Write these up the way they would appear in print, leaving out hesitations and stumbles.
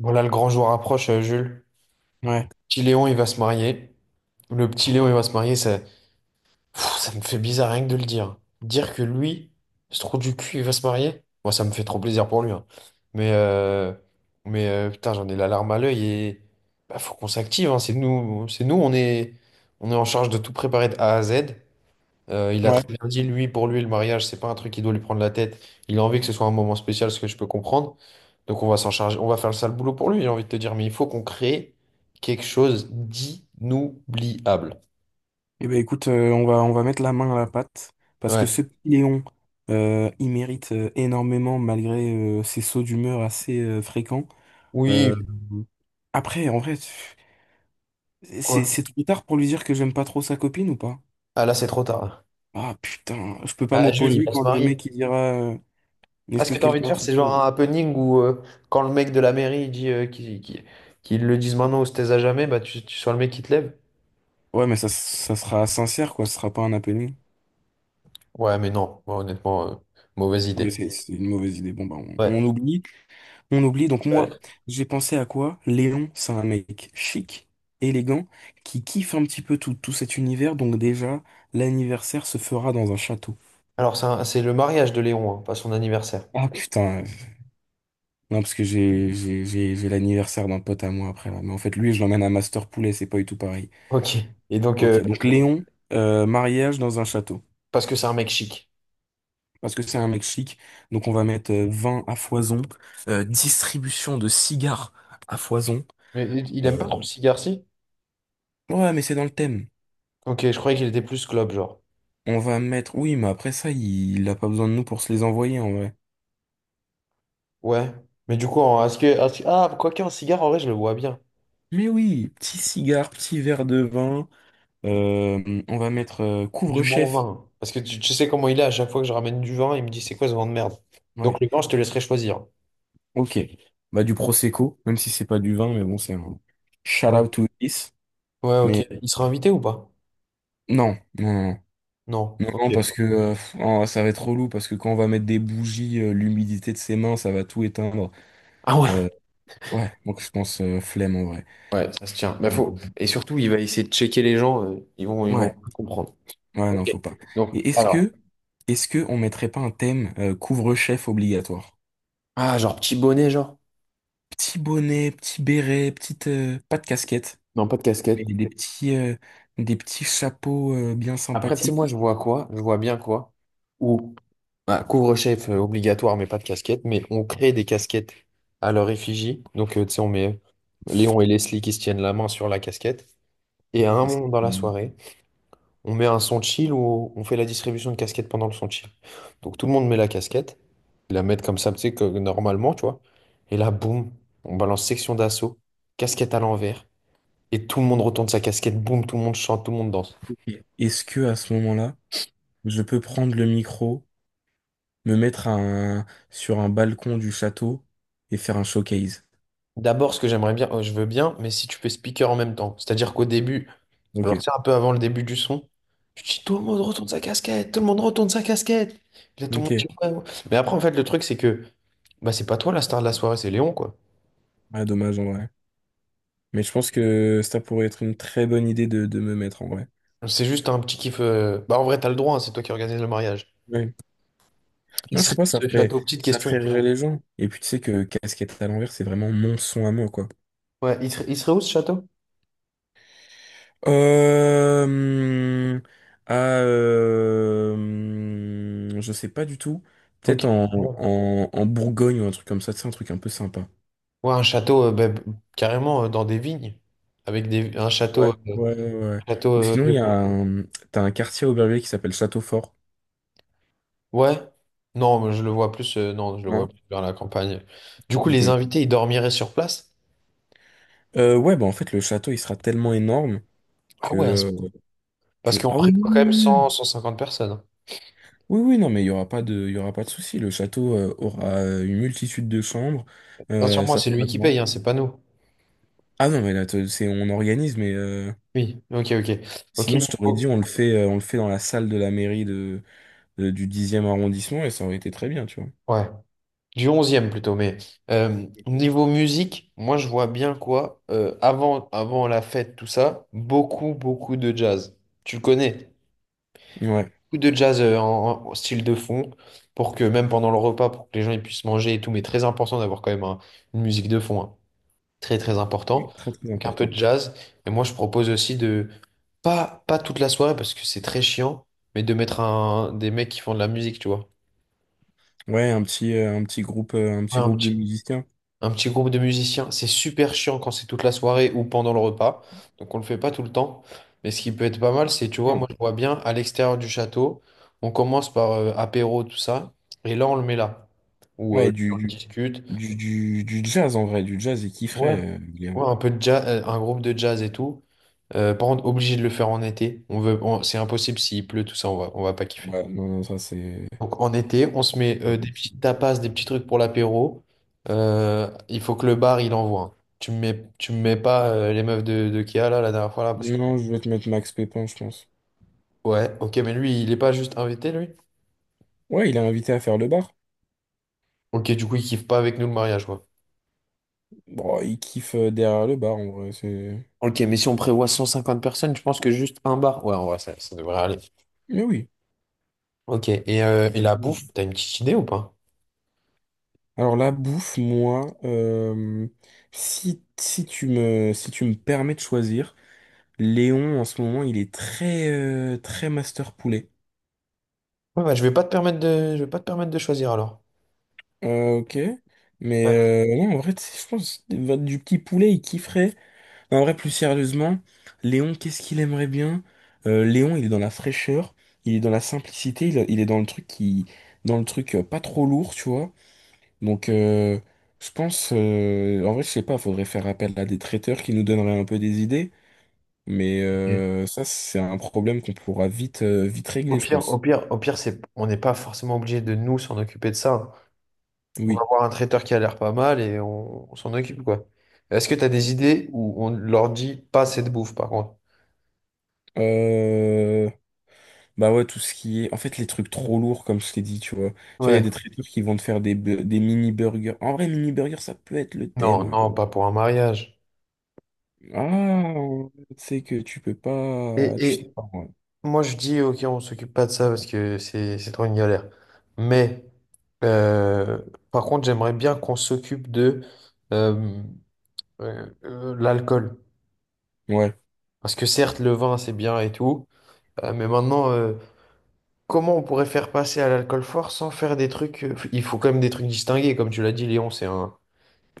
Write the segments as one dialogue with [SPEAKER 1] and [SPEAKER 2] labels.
[SPEAKER 1] Bon, là, le grand jour approche, Jules.
[SPEAKER 2] Ouais,
[SPEAKER 1] Petit Léon, il va se marier. Le petit Léon, il va se marier, ça, ça me fait bizarre rien que de le dire. Dire que lui, ce trou du cul, il va se marier, moi, ça me fait trop plaisir pour lui, hein. Mais, euh, mais putain, j'en ai la larme à l'œil et bah, faut qu'on s'active, hein. C'est nous, on est en charge de tout préparer de A à Z. Il a
[SPEAKER 2] ouais.
[SPEAKER 1] très bien dit, lui, pour lui, le mariage, c'est pas un truc qui doit lui prendre la tête. Il a envie que ce soit un moment spécial, ce que je peux comprendre. Donc on va s'en charger, on va faire le sale boulot pour lui, j'ai envie de te dire, mais il faut qu'on crée quelque chose d'inoubliable.
[SPEAKER 2] Eh ben écoute, on va mettre la main à la pâte parce que
[SPEAKER 1] Ouais.
[SPEAKER 2] ce petit Léon, il mérite énormément malgré ses sauts d'humeur assez fréquents. Euh,
[SPEAKER 1] Oui.
[SPEAKER 2] après, en vrai,
[SPEAKER 1] Quoi?
[SPEAKER 2] c'est trop tard pour lui dire que j'aime pas trop sa copine ou pas?
[SPEAKER 1] Ah là, c'est trop tard.
[SPEAKER 2] Ah putain, je peux pas
[SPEAKER 1] Ah, Jules, il
[SPEAKER 2] m'opposer
[SPEAKER 1] va se
[SPEAKER 2] quand le
[SPEAKER 1] marier.
[SPEAKER 2] mec il dira
[SPEAKER 1] Ah,
[SPEAKER 2] est-ce
[SPEAKER 1] ce
[SPEAKER 2] que
[SPEAKER 1] que tu as envie de
[SPEAKER 2] quelqu'un
[SPEAKER 1] faire, c'est genre
[SPEAKER 2] s'oppose?
[SPEAKER 1] un happening où quand le mec de la mairie il dit qu'ils le disent maintenant ou se taise à jamais, bah tu sois le mec qui te lève.
[SPEAKER 2] Ouais, mais ça sera sincère quoi, ce sera pas un appelé.
[SPEAKER 1] Ouais, mais non, moi, honnêtement, mauvaise
[SPEAKER 2] Ok,
[SPEAKER 1] idée.
[SPEAKER 2] c'est une mauvaise idée. Bon, bah,
[SPEAKER 1] Ouais.
[SPEAKER 2] on oublie. On oublie, donc
[SPEAKER 1] Euh,
[SPEAKER 2] moi, j'ai pensé à quoi? Léon, c'est un mec chic, élégant, qui kiffe un petit peu tout, tout cet univers, donc déjà, l'anniversaire se fera dans un château.
[SPEAKER 1] Alors, c'est le mariage de Léon, hein, pas son anniversaire.
[SPEAKER 2] Ah putain, non, parce que j'ai l'anniversaire d'un pote à moi après, là. Mais en fait, lui, je l'emmène à Master Poulet, c'est pas du tout pareil.
[SPEAKER 1] Ok. Et donc,
[SPEAKER 2] Ok, donc Léon, mariage dans un château.
[SPEAKER 1] parce que c'est un mec chic.
[SPEAKER 2] Parce que c'est un mec chic, donc on va mettre vin à foison, distribution de cigares à foison.
[SPEAKER 1] Mais il aime pas trop
[SPEAKER 2] Euh,
[SPEAKER 1] le cigare, si.
[SPEAKER 2] Ouais, mais c'est dans le thème.
[SPEAKER 1] Ok, je croyais qu'il était plus club, genre.
[SPEAKER 2] On va mettre. Oui, mais après ça, il a pas besoin de nous pour se les envoyer en vrai.
[SPEAKER 1] Ouais. Mais du coup, Ah, quoique en cigare, en vrai, je le vois bien.
[SPEAKER 2] Mais oui, petit cigare, petit verre de vin. On va mettre
[SPEAKER 1] Du bon
[SPEAKER 2] couvre-chef.
[SPEAKER 1] vin. Parce que tu sais comment il est, à chaque fois que je ramène du vin, il me dit, c'est quoi ce vin de merde? Donc
[SPEAKER 2] Ouais,
[SPEAKER 1] le vin, je te laisserai choisir.
[SPEAKER 2] ok. Bah, du Prosecco, même si c'est pas du vin, mais bon, c'est un shout
[SPEAKER 1] Ouais.
[SPEAKER 2] out to this.
[SPEAKER 1] Ouais,
[SPEAKER 2] Mais
[SPEAKER 1] ok. Il sera invité ou pas?
[SPEAKER 2] non, non, non,
[SPEAKER 1] Non.
[SPEAKER 2] non,
[SPEAKER 1] Ok.
[SPEAKER 2] non, parce que pff, oh, ça va être relou, parce que quand on va mettre des bougies, l'humidité de ses mains, ça va tout éteindre.
[SPEAKER 1] Ah ouais.
[SPEAKER 2] Euh, ouais, donc je pense flemme en vrai.
[SPEAKER 1] Ouais, ça se tient. Bah,
[SPEAKER 2] Euh,
[SPEAKER 1] faut... Et surtout, il va essayer de checker les gens, ils vont
[SPEAKER 2] ouais.
[SPEAKER 1] pas comprendre.
[SPEAKER 2] Ouais,
[SPEAKER 1] Ok.
[SPEAKER 2] non, faut pas.
[SPEAKER 1] Donc,
[SPEAKER 2] Et
[SPEAKER 1] alors.
[SPEAKER 2] est-ce que on mettrait pas un thème couvre-chef obligatoire?
[SPEAKER 1] Ah, genre petit bonnet, genre.
[SPEAKER 2] Petit bonnet, petit béret, petite, pas de casquette,
[SPEAKER 1] Non, pas de
[SPEAKER 2] mais
[SPEAKER 1] casquette.
[SPEAKER 2] des petits chapeaux bien
[SPEAKER 1] Après, tu sais, moi, je
[SPEAKER 2] sympathiques.
[SPEAKER 1] vois quoi? Je vois bien quoi? Ou ah, couvre-chef obligatoire, mais pas de casquette. Mais on crée des casquettes à leur effigie. Donc, tu sais, on met Léon et Leslie qui se tiennent la main sur la casquette. Et à un
[SPEAKER 2] Qu'est-ce que
[SPEAKER 1] moment dans
[SPEAKER 2] c'est
[SPEAKER 1] la
[SPEAKER 2] mieux.
[SPEAKER 1] soirée, on met un son chill où on fait la distribution de casquettes pendant le son chill. Donc, tout le monde met la casquette. Ils la mettent comme ça, tu sais, que normalement, tu vois. Et là, boum, on balance section d'assaut, casquette à l'envers. Et tout le monde retourne sa casquette, boum, tout le monde chante, tout le monde danse.
[SPEAKER 2] Et est-ce que à ce moment-là, je peux prendre le micro, me mettre sur un balcon du château et faire un showcase?
[SPEAKER 1] D'abord, ce que j'aimerais bien, je veux bien, mais si tu fais speaker en même temps. C'est-à-dire qu'au début,
[SPEAKER 2] Ok,
[SPEAKER 1] genre, tu sais, un peu avant le début du son. Je dis, tout le monde retourne sa casquette, tout le monde retourne sa casquette. Puis là, tout le monde
[SPEAKER 2] ok.
[SPEAKER 1] dit, ouais, ouais. Mais après, en fait, le truc, c'est que bah, c'est pas toi la star de la soirée, c'est Léon, quoi.
[SPEAKER 2] Ah, dommage en vrai. Mais je pense que ça pourrait être une très bonne idée de me mettre en vrai.
[SPEAKER 1] C'est juste un petit kiff. Bah, en vrai, t'as le droit, hein, c'est toi qui organise le mariage.
[SPEAKER 2] Ouais.
[SPEAKER 1] Il
[SPEAKER 2] Non, je sais
[SPEAKER 1] serait
[SPEAKER 2] pas,
[SPEAKER 1] où ce château? Petite
[SPEAKER 2] ça
[SPEAKER 1] question, il
[SPEAKER 2] ferait
[SPEAKER 1] serait
[SPEAKER 2] rire
[SPEAKER 1] où?
[SPEAKER 2] les gens. Et puis tu sais que casquette à l'envers, c'est vraiment mon son à moi, quoi.
[SPEAKER 1] Ouais, il serait où ce château?
[SPEAKER 2] Euh, hum, je sais pas du tout. Peut-être
[SPEAKER 1] Ok. Bon.
[SPEAKER 2] en Bourgogne ou un truc comme ça, c'est un truc un peu sympa.
[SPEAKER 1] Ouais, un château, carrément dans des vignes. Avec un
[SPEAKER 2] Ouais,
[SPEAKER 1] château.
[SPEAKER 2] ouais, ouais, ouais.
[SPEAKER 1] Château
[SPEAKER 2] Ou
[SPEAKER 1] euh,
[SPEAKER 2] sinon, il y a un, t'as un quartier à Aubervilliers qui s'appelle Châteaufort,
[SPEAKER 1] Ouais. Non, mais je le vois plus. Non, je le vois
[SPEAKER 2] non?
[SPEAKER 1] plus vers la campagne. Du coup, les
[SPEAKER 2] Ok.
[SPEAKER 1] invités, ils dormiraient sur place?
[SPEAKER 2] Ouais, bah en fait, le château, il sera tellement énorme
[SPEAKER 1] Ah
[SPEAKER 2] que...
[SPEAKER 1] ouais,
[SPEAKER 2] euh,
[SPEAKER 1] parce qu'on
[SPEAKER 2] Ah oui,
[SPEAKER 1] prévoit
[SPEAKER 2] oui,
[SPEAKER 1] quand
[SPEAKER 2] oui,
[SPEAKER 1] même
[SPEAKER 2] oui,
[SPEAKER 1] cent
[SPEAKER 2] oui.
[SPEAKER 1] cent cinquante personnes, hein.
[SPEAKER 2] Oui, oui, non, mais il y aura pas de souci. Le château aura une multitude de chambres.
[SPEAKER 1] Rassure-moi,
[SPEAKER 2] Ça
[SPEAKER 1] c'est lui
[SPEAKER 2] sera
[SPEAKER 1] qui paye,
[SPEAKER 2] grand.
[SPEAKER 1] hein, c'est pas nous.
[SPEAKER 2] Ah non, mais là, c'est, on organise, mais
[SPEAKER 1] Oui, ok, ok. Ok,
[SPEAKER 2] sinon, je t'aurais dit, on le fait dans la salle de la mairie du dixième arrondissement et ça aurait été très bien, tu vois.
[SPEAKER 1] ouais. Du onzième plutôt, mais niveau musique, moi je vois bien quoi, avant la fête, tout ça, beaucoup, beaucoup de jazz. Tu le connais?
[SPEAKER 2] Ouais,
[SPEAKER 1] Beaucoup de jazz en style de fond, pour que même pendant le repas, pour que les gens ils puissent manger et tout, mais très important d'avoir quand même une musique de fond, hein. Très très important,
[SPEAKER 2] très très
[SPEAKER 1] avec un peu
[SPEAKER 2] important.
[SPEAKER 1] de jazz. Et moi, je propose aussi de, pas toute la soirée parce que c'est très chiant, mais de mettre des mecs qui font de la musique, tu vois.
[SPEAKER 2] Ouais, un
[SPEAKER 1] Ouais,
[SPEAKER 2] petit groupe de musiciens.
[SPEAKER 1] un petit groupe de musiciens, c'est super chiant quand c'est toute la soirée ou pendant le repas, donc on le fait pas tout le temps. Mais ce qui peut être pas mal, c'est, tu vois, moi
[SPEAKER 2] Non.
[SPEAKER 1] je vois bien à l'extérieur du château, on commence par apéro, tout ça, et là on le met là, où
[SPEAKER 2] Ouais,
[SPEAKER 1] on discute.
[SPEAKER 2] du jazz en vrai, du jazz, il
[SPEAKER 1] Ouais.
[SPEAKER 2] kifferait, Léon.
[SPEAKER 1] Ouais, un peu de jazz, un groupe de jazz et tout. Par contre, obligé de le faire en été. C'est impossible s'il pleut, tout ça, on va pas kiffer.
[SPEAKER 2] Ouais, non, non, ça c'est
[SPEAKER 1] Donc en été, on se met
[SPEAKER 2] pas
[SPEAKER 1] des petits
[SPEAKER 2] possible.
[SPEAKER 1] tapas, des petits trucs pour l'apéro. Il faut que le bar, il envoie, hein. Tu me mets pas les meufs de Kia là, la dernière fois là, parce que.
[SPEAKER 2] Non, je vais te mettre Max Pépin, je pense.
[SPEAKER 1] Ouais, ok, mais lui, il est pas juste invité, lui?
[SPEAKER 2] Ouais, il est invité à faire le bar.
[SPEAKER 1] Ok, du coup, il kiffe pas avec nous le mariage, quoi.
[SPEAKER 2] Bon, il kiffe derrière le bar, en vrai, c'est...
[SPEAKER 1] Ok, mais si on prévoit 150 personnes, je pense que juste un bar. Ouais, en vrai, ça devrait aller.
[SPEAKER 2] Mais oui.
[SPEAKER 1] Ok, et la bouffe, t'as une petite idée ou pas?
[SPEAKER 2] Alors la bouffe, moi, si, si tu me permets de choisir, Léon, en ce moment, il est très, très master poulet.
[SPEAKER 1] Ouais, bah, je vais pas te permettre de choisir alors.
[SPEAKER 2] Ok. Mais
[SPEAKER 1] Ouais.
[SPEAKER 2] non, en vrai, tu sais, je pense du petit poulet, il kifferait. Non, en vrai, plus sérieusement, Léon, qu'est-ce qu'il aimerait bien? Léon, il est dans la fraîcheur, il est dans la simplicité, il est dans le truc qui, dans le truc pas trop lourd, tu vois. Donc, je pense, en vrai, je sais pas, faudrait faire appel à des traiteurs qui nous donneraient un peu des idées, mais
[SPEAKER 1] Ok.
[SPEAKER 2] ça, c'est un problème qu'on pourra vite, vite
[SPEAKER 1] Au
[SPEAKER 2] régler, je
[SPEAKER 1] pire, au
[SPEAKER 2] pense.
[SPEAKER 1] pire, au pire, c'est, on n'est pas forcément obligé de nous s'en occuper de ça. On va
[SPEAKER 2] Oui.
[SPEAKER 1] avoir un traiteur qui a l'air pas mal et on s'en occupe quoi. Est-ce que tu as des idées où on leur dit pas cette bouffe par contre?
[SPEAKER 2] Euh, Bah ouais, tout ce qui est, en fait, les trucs trop lourds, comme je t'ai dit, tu vois. Tu vois, il y a
[SPEAKER 1] Ouais.
[SPEAKER 2] des traiteurs qui vont te faire des, des mini burgers. En vrai, mini burger, ça peut être le
[SPEAKER 1] Non,
[SPEAKER 2] thème, hein.
[SPEAKER 1] non, pas pour un mariage.
[SPEAKER 2] Ah, c'est que tu peux pas,
[SPEAKER 1] Et,
[SPEAKER 2] tu sais
[SPEAKER 1] et
[SPEAKER 2] pas. Ouais.
[SPEAKER 1] moi je dis ok, on s'occupe pas de ça parce que c'est trop une galère. Mais euh, par contre, j'aimerais bien qu'on s'occupe de euh, l'alcool.
[SPEAKER 2] Ouais.
[SPEAKER 1] Parce que certes, le vin, c'est bien et tout, mais maintenant, comment on pourrait faire passer à l'alcool fort sans faire des trucs... Il faut quand même des trucs distingués, comme tu l'as dit, Léon, c'est un,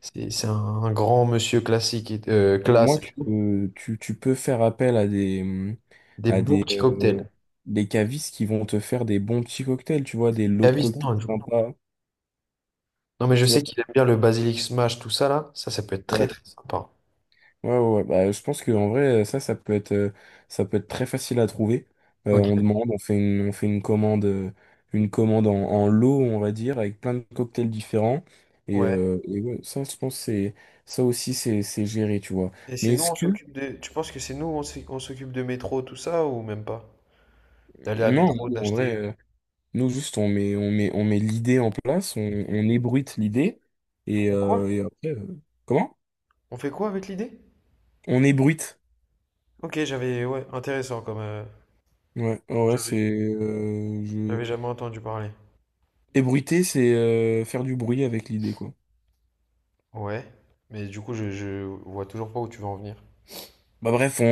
[SPEAKER 1] c'est un grand monsieur classique, et
[SPEAKER 2] Au moins,
[SPEAKER 1] classe, et tout.
[SPEAKER 2] tu peux faire appel
[SPEAKER 1] Des
[SPEAKER 2] à
[SPEAKER 1] bons petits
[SPEAKER 2] euh,
[SPEAKER 1] cocktails.
[SPEAKER 2] des cavistes qui vont te faire des bons petits cocktails, tu vois, des lots de
[SPEAKER 1] Cavis,
[SPEAKER 2] cocktails
[SPEAKER 1] non, du coup.
[SPEAKER 2] sympas.
[SPEAKER 1] Non, mais je
[SPEAKER 2] Tu
[SPEAKER 1] sais
[SPEAKER 2] vois,
[SPEAKER 1] qu'il aime bien le basilic smash, tout ça, là. Ça peut être très,
[SPEAKER 2] ouais,
[SPEAKER 1] très sympa.
[SPEAKER 2] ouais, ouais, ouais. Bah, je pense que en vrai, ça, ça peut être très facile à trouver.
[SPEAKER 1] Ok.
[SPEAKER 2] On demande, on fait une commande en lot, on va dire, avec plein de cocktails différents.
[SPEAKER 1] Ouais.
[SPEAKER 2] Et ouais, ça, je pense, que c'est, ça aussi, c'est géré, tu vois.
[SPEAKER 1] Et c'est
[SPEAKER 2] Mais
[SPEAKER 1] nous,
[SPEAKER 2] est-ce
[SPEAKER 1] on
[SPEAKER 2] que,
[SPEAKER 1] s'occupe de... Tu penses que c'est nous, on s'occupe de métro, tout ça, ou même pas? D'aller à
[SPEAKER 2] non,
[SPEAKER 1] métro,
[SPEAKER 2] en vrai.
[SPEAKER 1] d'acheter...
[SPEAKER 2] Nous, juste, on met l'idée en place, on ébruite l'idée,
[SPEAKER 1] On quoi?
[SPEAKER 2] et après, comment?
[SPEAKER 1] On fait quoi avec l'idée?
[SPEAKER 2] On ébruite.
[SPEAKER 1] Ok, j'avais... Ouais, intéressant comme...
[SPEAKER 2] Ouais, ouais, ouais, c'est...
[SPEAKER 1] J'avais,
[SPEAKER 2] je...
[SPEAKER 1] j'avais jamais entendu parler.
[SPEAKER 2] Ébruiter, c'est faire du bruit avec l'idée, quoi.
[SPEAKER 1] Ouais, mais du coup, je vois toujours pas où tu veux en venir.
[SPEAKER 2] Bah bref,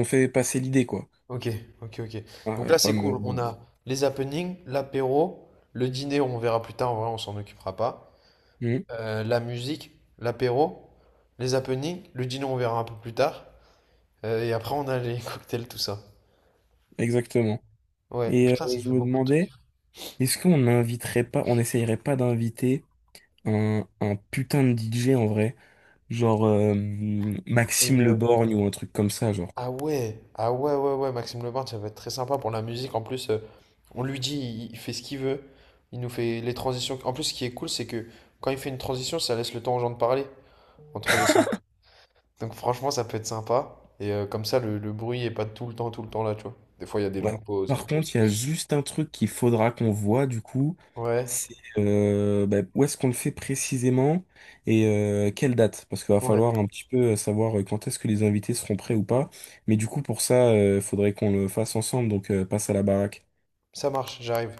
[SPEAKER 2] on fait passer l'idée, quoi.
[SPEAKER 1] Ok, ok, ok.
[SPEAKER 2] Ah,
[SPEAKER 1] Donc là,
[SPEAKER 2] pas
[SPEAKER 1] c'est
[SPEAKER 2] me-
[SPEAKER 1] cool. On
[SPEAKER 2] voilà.
[SPEAKER 1] a les happenings, l'apéro, le dîner, on verra plus tard. En vrai, on s'en occupera pas.
[SPEAKER 2] Mhm,
[SPEAKER 1] La musique, l'apéro, les happenings, le dîner, on verra un peu plus tard. Et après, on a les cocktails, tout ça.
[SPEAKER 2] exactement.
[SPEAKER 1] Ouais,
[SPEAKER 2] Et
[SPEAKER 1] putain, ça
[SPEAKER 2] je
[SPEAKER 1] fait
[SPEAKER 2] me
[SPEAKER 1] beaucoup de trucs.
[SPEAKER 2] demandais, est-ce qu'on n'inviterait pas, on n'essayerait pas d'inviter un putain de DJ en vrai? Genre Maxime Le
[SPEAKER 1] Génial.
[SPEAKER 2] Borgne ou un truc comme ça, genre.
[SPEAKER 1] Ah ouais, ah ouais, ouais, ouais, Maxime Leborgne, ça va être très sympa pour la musique. En plus, on lui dit, il fait ce qu'il veut. Il nous fait les transitions. En plus, ce qui est cool, c'est que quand il fait une transition, ça laisse le temps aux gens de parler entre les sons. Donc franchement, ça peut être sympa. Et comme ça, le bruit est pas tout le temps, tout le temps là, tu vois. Des fois, il y a des
[SPEAKER 2] Ouais.
[SPEAKER 1] longues pauses.
[SPEAKER 2] Par contre, il y a juste un truc qu'il faudra qu'on voit du coup,
[SPEAKER 1] Ouais,
[SPEAKER 2] c'est bah, où est-ce qu'on le fait précisément et quelle date, parce qu'il va
[SPEAKER 1] ouais,
[SPEAKER 2] falloir un petit peu savoir quand est-ce que les invités seront prêts ou pas. Mais du coup, pour ça, il faudrait qu'on le fasse ensemble, donc passe à la baraque.
[SPEAKER 1] ça marche, j'arrive.